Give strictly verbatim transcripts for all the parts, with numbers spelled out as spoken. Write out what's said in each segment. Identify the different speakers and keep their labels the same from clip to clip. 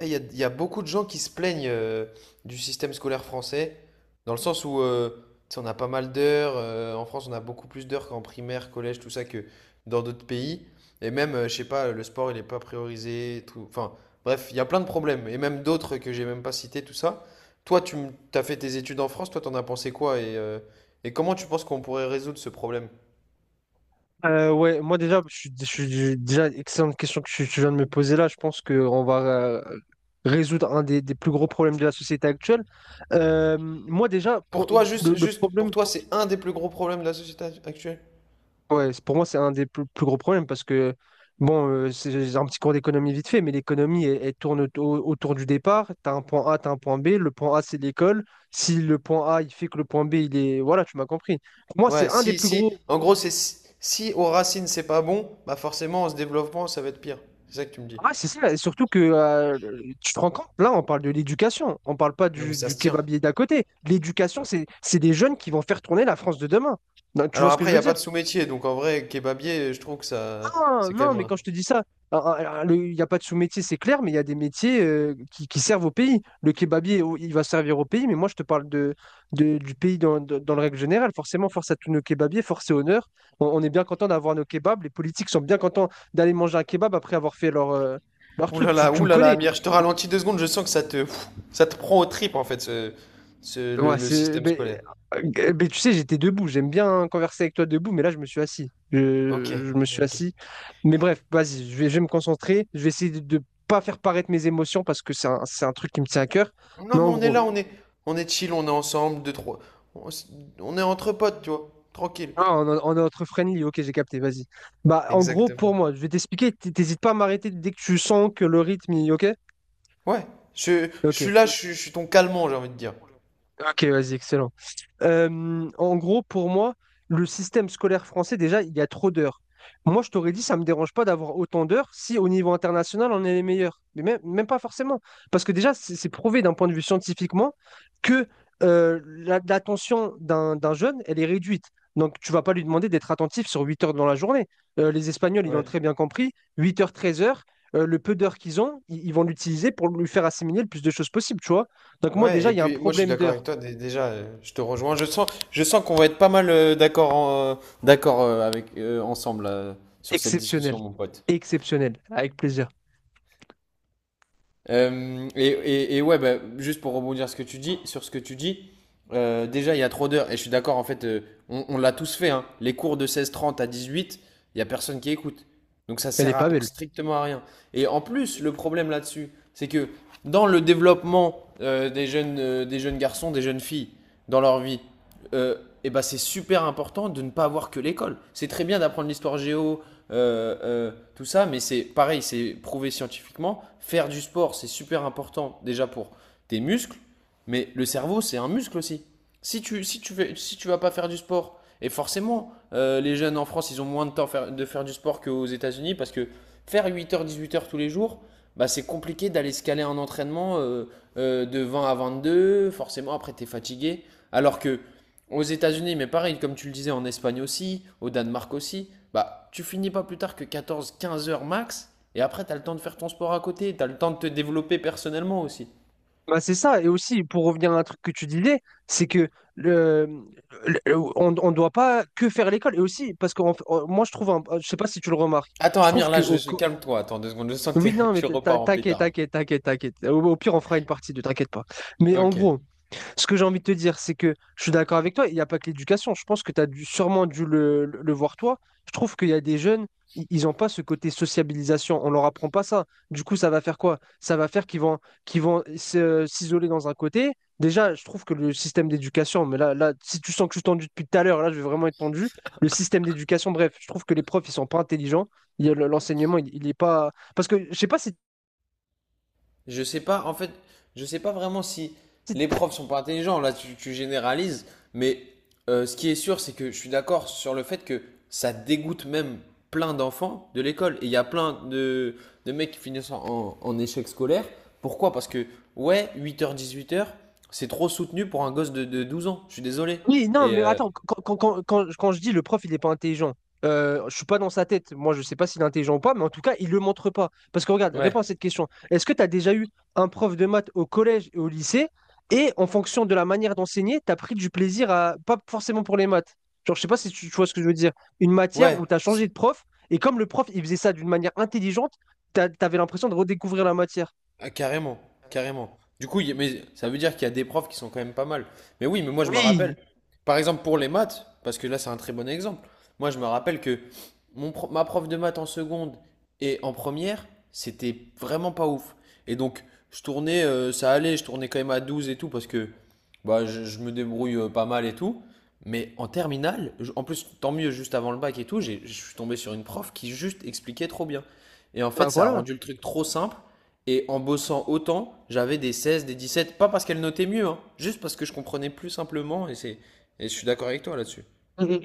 Speaker 1: Eh, Il y a, il y a beaucoup de gens qui se plaignent euh, du système scolaire français, dans le sens où euh, tu sais, on a pas mal d'heures. euh, en France, on a beaucoup plus d'heures qu'en primaire, collège, tout ça, que dans d'autres pays. Et même, euh, je sais pas, le sport, il n'est pas priorisé. Tout... Enfin, bref, il y a plein de problèmes. Et même d'autres que j'ai même pas cités, tout ça. Toi, tu as fait tes études en France, toi, t'en as pensé quoi? Et, euh, et comment tu penses qu'on pourrait résoudre ce problème?
Speaker 2: Euh, ouais, moi déjà, je suis, je suis- déjà excellente question que tu, tu viens de me poser là. Je pense qu'on va euh, résoudre un des, des plus gros problèmes de la société actuelle. Euh, moi déjà,
Speaker 1: Pour
Speaker 2: pour-
Speaker 1: toi,
Speaker 2: le,
Speaker 1: juste,
Speaker 2: le
Speaker 1: juste,
Speaker 2: problème,
Speaker 1: pour toi, c'est un des plus gros problèmes de la société actuelle?
Speaker 2: ouais, c'est- pour moi c'est un des plus, plus gros problèmes parce que bon, euh, c'est j'ai un petit cours d'économie vite fait, mais l'économie elle, elle tourne au- autour du départ. T'as un point A, t'as un point B. Le point A c'est l'école. Si le point A il fait que le point B il est, voilà, tu m'as compris. Pour moi c'est
Speaker 1: Ouais,
Speaker 2: un des
Speaker 1: si,
Speaker 2: plus
Speaker 1: si,
Speaker 2: gros.
Speaker 1: en gros, c'est si, si aux racines c'est pas bon, bah forcément, en se développement, ça va être pire. C'est ça que tu me dis.
Speaker 2: Ouais, c'est ça, et surtout que euh, tu te rends compte, là on parle de l'éducation, on parle pas
Speaker 1: Non, mais
Speaker 2: du,
Speaker 1: ça
Speaker 2: du
Speaker 1: se tient.
Speaker 2: kebabier d'à côté. L'éducation, c'est c'est des jeunes qui vont faire tourner la France de demain. Non, tu vois
Speaker 1: Alors
Speaker 2: ce que
Speaker 1: après,
Speaker 2: je
Speaker 1: il
Speaker 2: veux
Speaker 1: n'y a pas
Speaker 2: dire?
Speaker 1: de sous-métier, donc en vrai, kebabier, je trouve que ça,
Speaker 2: Ah
Speaker 1: c'est quand
Speaker 2: non,
Speaker 1: même
Speaker 2: mais
Speaker 1: un...
Speaker 2: quand je te dis ça, ah, ah, le- il n'y a pas de sous-métier, c'est clair, mais il y a des métiers euh, qui, qui servent au pays. Le kebabier, oh, il va servir au pays, mais moi je te parle de, de- du pays dans, dans, dans le règle générale. Forcément, force à tous nos kebabiers, force et honneur. On, on est bien content d'avoir nos kebabs, les politiques sont bien contents d'aller manger un kebab après avoir fait leur, euh, leur
Speaker 1: Ouh là
Speaker 2: truc. Tu,
Speaker 1: là,
Speaker 2: tu
Speaker 1: ouh
Speaker 2: me
Speaker 1: là là,
Speaker 2: connais.
Speaker 1: Amir, je te ralentis deux secondes, je sens que ça te, pff, ça te prend aux tripes, en fait, ce, ce- le,
Speaker 2: Ouais,
Speaker 1: le
Speaker 2: c'est.
Speaker 1: système
Speaker 2: Mais,
Speaker 1: scolaire.
Speaker 2: euh, mais tu sais, j'étais debout. J'aime bien converser avec toi debout, mais là, je me suis assis.
Speaker 1: Ok,
Speaker 2: Je, je me suis
Speaker 1: ok.
Speaker 2: assis. Mais bref, vas-y, je vais, je vais me concentrer. Je vais essayer de de pas faire paraître mes émotions parce que c'est un, c'est un truc qui me tient à cœur. Mais
Speaker 1: Non, mais
Speaker 2: en
Speaker 1: on est
Speaker 2: gros,
Speaker 1: là, on est, on est chill, on est ensemble, deux, trois, on, s- on est entre potes, tu vois, tranquille.
Speaker 2: ah, on, a- on est entre friendly. Ok, j'ai capté, vas-y. Bah, en gros,
Speaker 1: Exactement.
Speaker 2: pour moi, je vais t'expliquer. t- T'hésites pas à m'arrêter dès que tu sens que le rythme, il- ok?
Speaker 1: Ouais, je, je
Speaker 2: Ok.
Speaker 1: suis là, je, suis- je suis ton calmant, j'ai envie de dire.
Speaker 2: Ok, vas-y, excellent. Euh, en gros, pour moi, le système scolaire français, déjà, il y a trop d'heures. Moi, je t'aurais dit, ça ne me dérange pas d'avoir autant d'heures si au niveau international, on est les meilleurs. Mais même, même pas forcément. Parce que déjà, c'est c'est prouvé d'un point de vue scientifiquement que euh, la- l'attention d'un d'un jeune, elle est réduite. Donc, tu vas pas lui demander d'être attentif sur huit heures dans la journée. Euh, les Espagnols, ils l'ont
Speaker 1: Ouais.
Speaker 2: très bien compris. Huit heures, treize heures, euh, le peu d'heures qu'ils ont, ils, ils vont l'utiliser pour lui faire assimiler le plus de choses possible, tu vois. Donc, moi,
Speaker 1: Ouais,
Speaker 2: déjà,
Speaker 1: et
Speaker 2: il y a un
Speaker 1: puis moi je suis
Speaker 2: problème
Speaker 1: d'accord
Speaker 2: d'heures.
Speaker 1: avec toi dé- déjà, euh, je te rejoins. Je sens, je sens qu'on va être pas mal euh, d'accord en- euh, d'accord euh, avec euh, ensemble euh, sur cette
Speaker 2: Exceptionnel.
Speaker 1: discussion, mon pote.
Speaker 2: Exceptionnel. Avec plaisir.
Speaker 1: Euh, et, et- et ouais, bah, juste pour rebondir ce que tu dis, sur ce que tu dis, euh, déjà il y a trop d'heures, et je suis d'accord, en fait, euh, on, on l'a tous fait, hein. Les cours de seize trente à dix huit, il n'y a personne qui écoute. Donc ça
Speaker 2: Elle n'est
Speaker 1: sert
Speaker 2: pas
Speaker 1: à-
Speaker 2: belle.
Speaker 1: strictement à rien. Et en plus, le problème là-dessus, c'est que dans le développement euh, des jeunes, euh, des jeunes garçons, des jeunes filles, dans leur vie, euh, et ben c'est super important de ne pas avoir que l'école. C'est très bien d'apprendre l'histoire géo, euh, euh, tout ça. Mais c'est pareil, c'est prouvé scientifiquement. Faire du sport, c'est super important déjà pour tes muscles, mais le cerveau, c'est un muscle aussi. Si tu si tu fais si tu vas pas faire du sport, et forcément euh, les jeunes en France, ils ont moins de temps faire- de faire du sport qu'aux États-Unis parce que faire huit heures dix-huit heures tous les jours, bah c'est compliqué d'aller se caler un entraînement euh, euh, de vingt à vingt-deux. Forcément, après tu es fatigué, alors que aux États-Unis, mais pareil, comme tu le disais, en Espagne aussi, au Danemark aussi, bah, tu finis pas plus tard que quatorze à quinze heures max, et après, t'as le temps de faire ton sport à côté, t'as le temps de te développer personnellement aussi.
Speaker 2: Bah, c'est ça. Et aussi, pour revenir à un truc que tu disais, c'est que le, le- le- on ne doit pas que faire l'école. Et aussi, parce que moi, je trouve, un- je sais pas si tu le remarques,
Speaker 1: Attends,
Speaker 2: je trouve
Speaker 1: Amir,
Speaker 2: que.
Speaker 1: là, je,
Speaker 2: Au
Speaker 1: je-
Speaker 2: co-
Speaker 1: calme-toi. Attends deux secondes. Je sens que
Speaker 2: oui,
Speaker 1: t'es-
Speaker 2: non, mais
Speaker 1: tu
Speaker 2: t'as-
Speaker 1: repars en
Speaker 2: t'inquiète,
Speaker 1: pétard.
Speaker 2: t'inquiète, t'inquiète, t'inquiète. Au, au pire, on fera une partie de t'inquiète pas. Mais en
Speaker 1: Ok.
Speaker 2: gros, ce que j'ai envie de te dire, c'est que je suis d'accord avec toi, il n'y a pas que l'éducation. Je pense que tu as dû, sûrement dû le, le- le voir toi. Je trouve qu'il y a des jeunes, i- ils n'ont pas ce côté sociabilisation. On leur apprend pas ça. Du coup, ça va faire quoi? Ça va faire qu'ils vont, qu'ils vont se- s'isoler dans un côté. Déjà, je trouve que le système d'éducation, mais là, là, si tu sens que je suis tendu depuis tout à l'heure, là, je vais vraiment être tendu. Le système d'éducation, bref, je trouve que les profs, ils sont pas intelligents. Il y a le- l'enseignement, il, il est pas. Parce que je sais pas si
Speaker 1: Je sais pas, en fait, je sais pas vraiment si
Speaker 2: si
Speaker 1: les profs sont pas intelligents. Là, tu, tu généralises, mais euh, ce qui est sûr, c'est que je suis d'accord sur le fait que ça dégoûte même plein d'enfants de l'école. Et il y a plein de, de mecs qui finissent en, en échec scolaire. Pourquoi? Parce que, ouais, huit heures dix-huit heures, c'est trop soutenu pour un gosse de, de douze ans. Je suis désolé.
Speaker 2: Oui, non,
Speaker 1: Et
Speaker 2: mais
Speaker 1: euh,
Speaker 2: attends, quand, quand, quand, quand- quand je dis le prof, il n'est pas intelligent, euh, je suis pas dans sa tête. Moi, je sais pas s'il est intelligent ou pas, mais en tout cas, il le montre pas. Parce que regarde, réponds
Speaker 1: ouais,
Speaker 2: à cette question. Est-ce que tu as déjà eu un prof de maths au collège et au lycée, et en fonction de la manière d'enseigner, tu as pris du plaisir à, pas forcément pour les maths. Genre, je sais pas si tu, tu vois ce que je veux dire. Une matière
Speaker 1: ouais,
Speaker 2: où tu as changé de prof, et comme le prof, il faisait ça d'une manière intelligente, tu avais l'impression de redécouvrir la matière.
Speaker 1: ah, carrément, carrément. Du coup, il y a- mais ça veut dire qu'il y a des profs qui sont quand même pas mal. Mais oui, mais moi je me rappelle,
Speaker 2: Oui,
Speaker 1: par exemple pour les maths, parce que là c'est un très bon exemple. Moi je me rappelle que mon pro- ma prof de maths en seconde et en première, c'était vraiment pas ouf. Et donc je tournais, euh, ça allait, je tournais quand même à douze et tout, parce que bah, je, je me débrouille euh, pas mal et tout. Mais en terminale, je- en plus tant mieux, juste avant le bac et tout, j'ai- je suis tombé sur une prof qui juste expliquait trop bien. Et en
Speaker 2: bah
Speaker 1: fait, ça a
Speaker 2: voilà.
Speaker 1: rendu le truc trop simple. Et en bossant autant, j'avais des seize, des dix-sept, pas parce qu'elle notait mieux, hein, juste parce que je comprenais plus simplement, et c'est, et je suis d'accord avec toi là-dessus.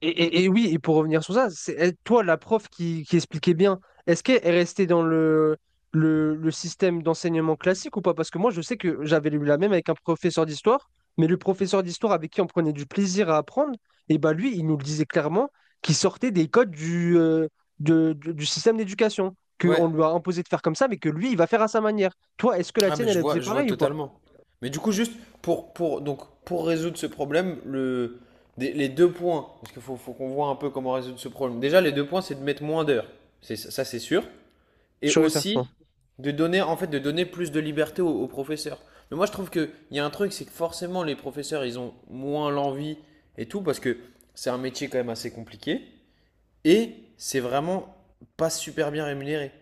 Speaker 2: Et, et- et- et oui, et pour revenir sur ça, c'est elle- toi, la prof qui, qui expliquait bien, est-ce qu'elle est restée dans le, le, le système d'enseignement classique ou pas? Parce que moi, je sais que j'avais lu la même avec un professeur d'histoire, mais le professeur d'histoire avec qui on prenait du plaisir à apprendre, et bah lui, il nous le disait clairement qu'il sortait des codes du, euh, de- de- du système d'éducation,
Speaker 1: Ouais,
Speaker 2: qu'on lui a imposé de faire comme ça, mais que lui, il va faire à sa manière. Toi, est-ce que la
Speaker 1: ah
Speaker 2: tienne,
Speaker 1: mais
Speaker 2: elle
Speaker 1: je
Speaker 2: elle faisait
Speaker 1: vois, je vois
Speaker 2: pareil ou pas?
Speaker 1: totalement. Mais du coup, juste pour, pour, donc, pour résoudre ce problème, le, des- les deux points, parce qu'il faut, faut qu'on voit un peu comment résoudre ce problème. Déjà, les deux points, c'est de mettre moins d'heures, c'est, ça c'est sûr. Et
Speaker 2: Sûr et certain.
Speaker 1: aussi de donner, en fait, de donner plus de liberté aux, aux professeurs. Mais moi, je trouve qu'il y a un truc, c'est que forcément, les professeurs, ils ont moins l'envie et tout, parce que c'est un métier quand même assez compliqué. Et c'est vraiment pas super bien rémunéré.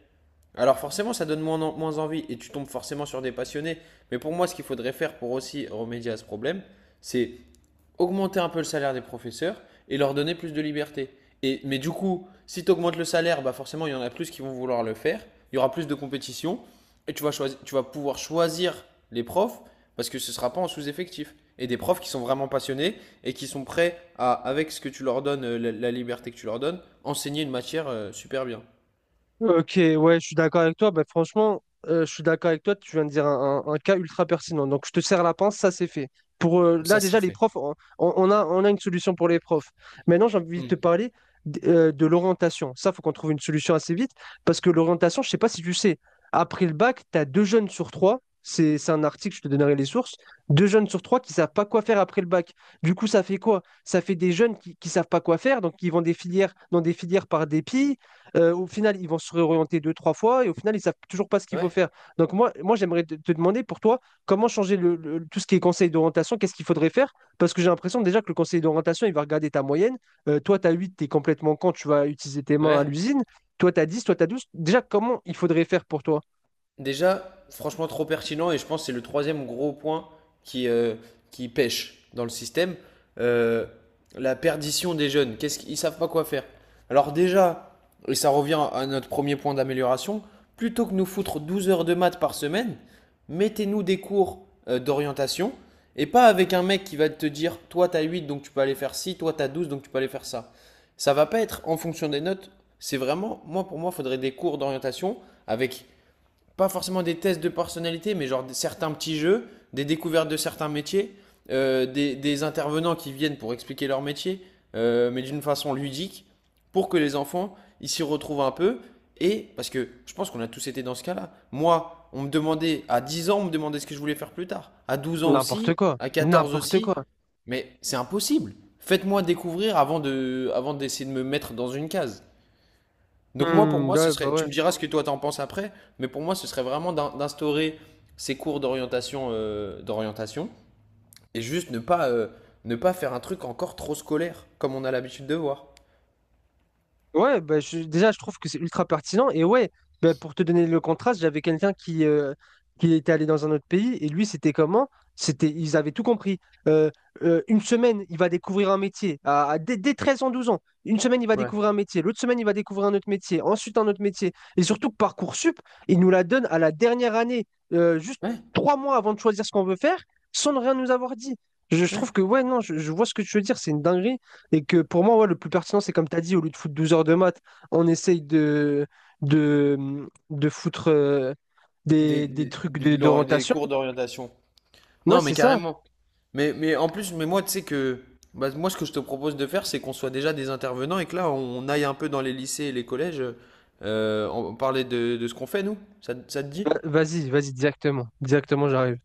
Speaker 1: Alors forcément, ça donne moins, en- moins envie, et tu tombes forcément sur des passionnés. Mais pour moi, ce qu'il faudrait faire pour aussi remédier à ce problème, c'est augmenter un peu le salaire des professeurs et leur donner plus de liberté. Et, mais du coup, si tu augmentes le salaire, bah forcément, il y en a plus qui vont vouloir le faire. Il y aura plus de compétition et tu vas, choisir, tu vas pouvoir choisir les profs parce que ce ne sera pas en sous-effectif. Et des profs qui sont vraiment passionnés et qui sont prêts à, avec ce que tu leur donnes, euh, la, la liberté que tu leur donnes, enseigner une matière euh, super bien.
Speaker 2: Ok, ouais, je suis d'accord avec toi. Bah, franchement, euh, je suis d'accord avec toi. Tu viens de dire un, un- un cas ultra pertinent. Donc, je te serre la pince, ça c'est fait. Pour euh,
Speaker 1: Bon,
Speaker 2: là,
Speaker 1: ça, c'est
Speaker 2: déjà, les
Speaker 1: fait.
Speaker 2: profs, on, on a, on a une solution pour les profs. Maintenant, j'ai envie de te
Speaker 1: Mm.
Speaker 2: parler d- euh, de l'orientation. Ça, faut qu'on trouve une solution assez vite parce que l'orientation, je sais pas si tu sais, après le bac, tu as deux jeunes sur trois. C'est, c'est un article, je te donnerai les sources. Deux jeunes sur trois qui savent pas quoi faire après le bac. Du coup, ça fait quoi? Ça fait des jeunes qui, qui savent pas quoi faire, donc qui vont des filières, dans des filières par dépit euh, au final, ils vont se réorienter deux, trois fois et au final, ils ne savent toujours pas ce qu'il faut
Speaker 1: Ouais,
Speaker 2: faire. Donc moi, moi j'aimerais te, te demander pour toi, comment changer le, le- tout ce qui est conseil d'orientation, qu'est-ce qu'il faudrait faire? Parce que j'ai l'impression déjà que le conseil d'orientation, il va regarder ta moyenne. Euh, toi, tu as huit, tu es complètement con, tu vas utiliser tes mains à
Speaker 1: ouais.
Speaker 2: l'usine. Toi, tu as dix, toi, tu as douze. Déjà, comment il faudrait faire pour toi?
Speaker 1: Déjà, franchement, trop pertinent, et je pense que c'est le troisième gros point qui, euh, qui pêche dans le système. Euh, la perdition des jeunes. Qu'est-ce qu'ils savent pas quoi faire. Alors déjà, et ça revient à notre premier point d'amélioration, plutôt que nous foutre douze heures de maths par semaine, mettez-nous des cours euh, d'orientation, et pas avec un mec qui va te dire toi t'as huit donc tu peux aller faire ci, toi t'as douze donc tu peux aller faire ça. Ça va pas être en fonction des notes, c'est vraiment moi, pour moi il faudrait des cours d'orientation avec pas forcément des tests de personnalité, mais genre certains petits jeux, des découvertes de certains métiers, euh, des, des intervenants qui viennent pour expliquer leur métier, euh, mais d'une façon ludique, pour que les enfants ils s'y retrouvent un peu. Et parce que je pense qu'on a tous été dans ce cas-là. Moi, on me demandait, à dix ans, on me demandait ce que je voulais faire plus tard. À douze ans
Speaker 2: N'importe
Speaker 1: aussi,
Speaker 2: quoi.
Speaker 1: à quatorze
Speaker 2: N'importe
Speaker 1: aussi.
Speaker 2: quoi.
Speaker 1: Mais c'est impossible. Faites-moi découvrir avant de, avant d'essayer de me mettre dans une case. Donc moi, pour
Speaker 2: Hmm,
Speaker 1: moi, ce
Speaker 2: ouais, bah
Speaker 1: serait, tu
Speaker 2: ouais.
Speaker 1: me diras ce que toi t'en penses après, mais pour moi, ce serait vraiment d'in- d'instaurer ces cours d'orientation, euh, d'orientation, et juste ne pas, euh, ne pas faire un truc encore trop scolaire, comme on a l'habitude de voir.
Speaker 2: Ouais, bah, je- déjà, je trouve que c'est ultra pertinent. Et ouais, bah, pour te donner le contraste, j'avais quelqu'un qui, euh, qui était allé dans un autre pays et lui, c'était comment? C'était, ils avaient tout compris. Euh, euh, une semaine, il va découvrir un métier. À, à- dès, dès treize ans, douze ans, une semaine, il va
Speaker 1: Ouais.
Speaker 2: découvrir un métier. L'autre semaine, il va découvrir un autre métier. Ensuite, un autre métier. Et surtout que Parcoursup, il nous la donne à la dernière année, euh, juste
Speaker 1: Ouais,
Speaker 2: trois mois avant de choisir ce qu'on veut faire, sans rien nous avoir dit. Je, je
Speaker 1: ouais.
Speaker 2: trouve que, ouais, non, je, je vois ce que tu veux dire. C'est une dinguerie. Et que pour moi, ouais, le plus pertinent, c'est comme tu as dit, au lieu de foutre douze heures de maths, on essaye de, de, de foutre euh,
Speaker 1: Des,
Speaker 2: des, des
Speaker 1: des,
Speaker 2: trucs
Speaker 1: des-
Speaker 2: de-
Speaker 1: de l'ori- des
Speaker 2: d'orientation.
Speaker 1: cours d'orientation.
Speaker 2: Ouais,
Speaker 1: Non, mais
Speaker 2: c'est ça.
Speaker 1: carrément. Mais, mais en plus, mais moi, tu sais que, bah, moi, ce que je te propose de faire, c'est qu'on soit déjà des intervenants et que là, on aille un peu dans les lycées et les collèges, euh, on parler de, de ce qu'on fait, nous. Ça, te- ça te dit?
Speaker 2: Euh, Vas-y, vas-y, directement. Directement, j'arrive.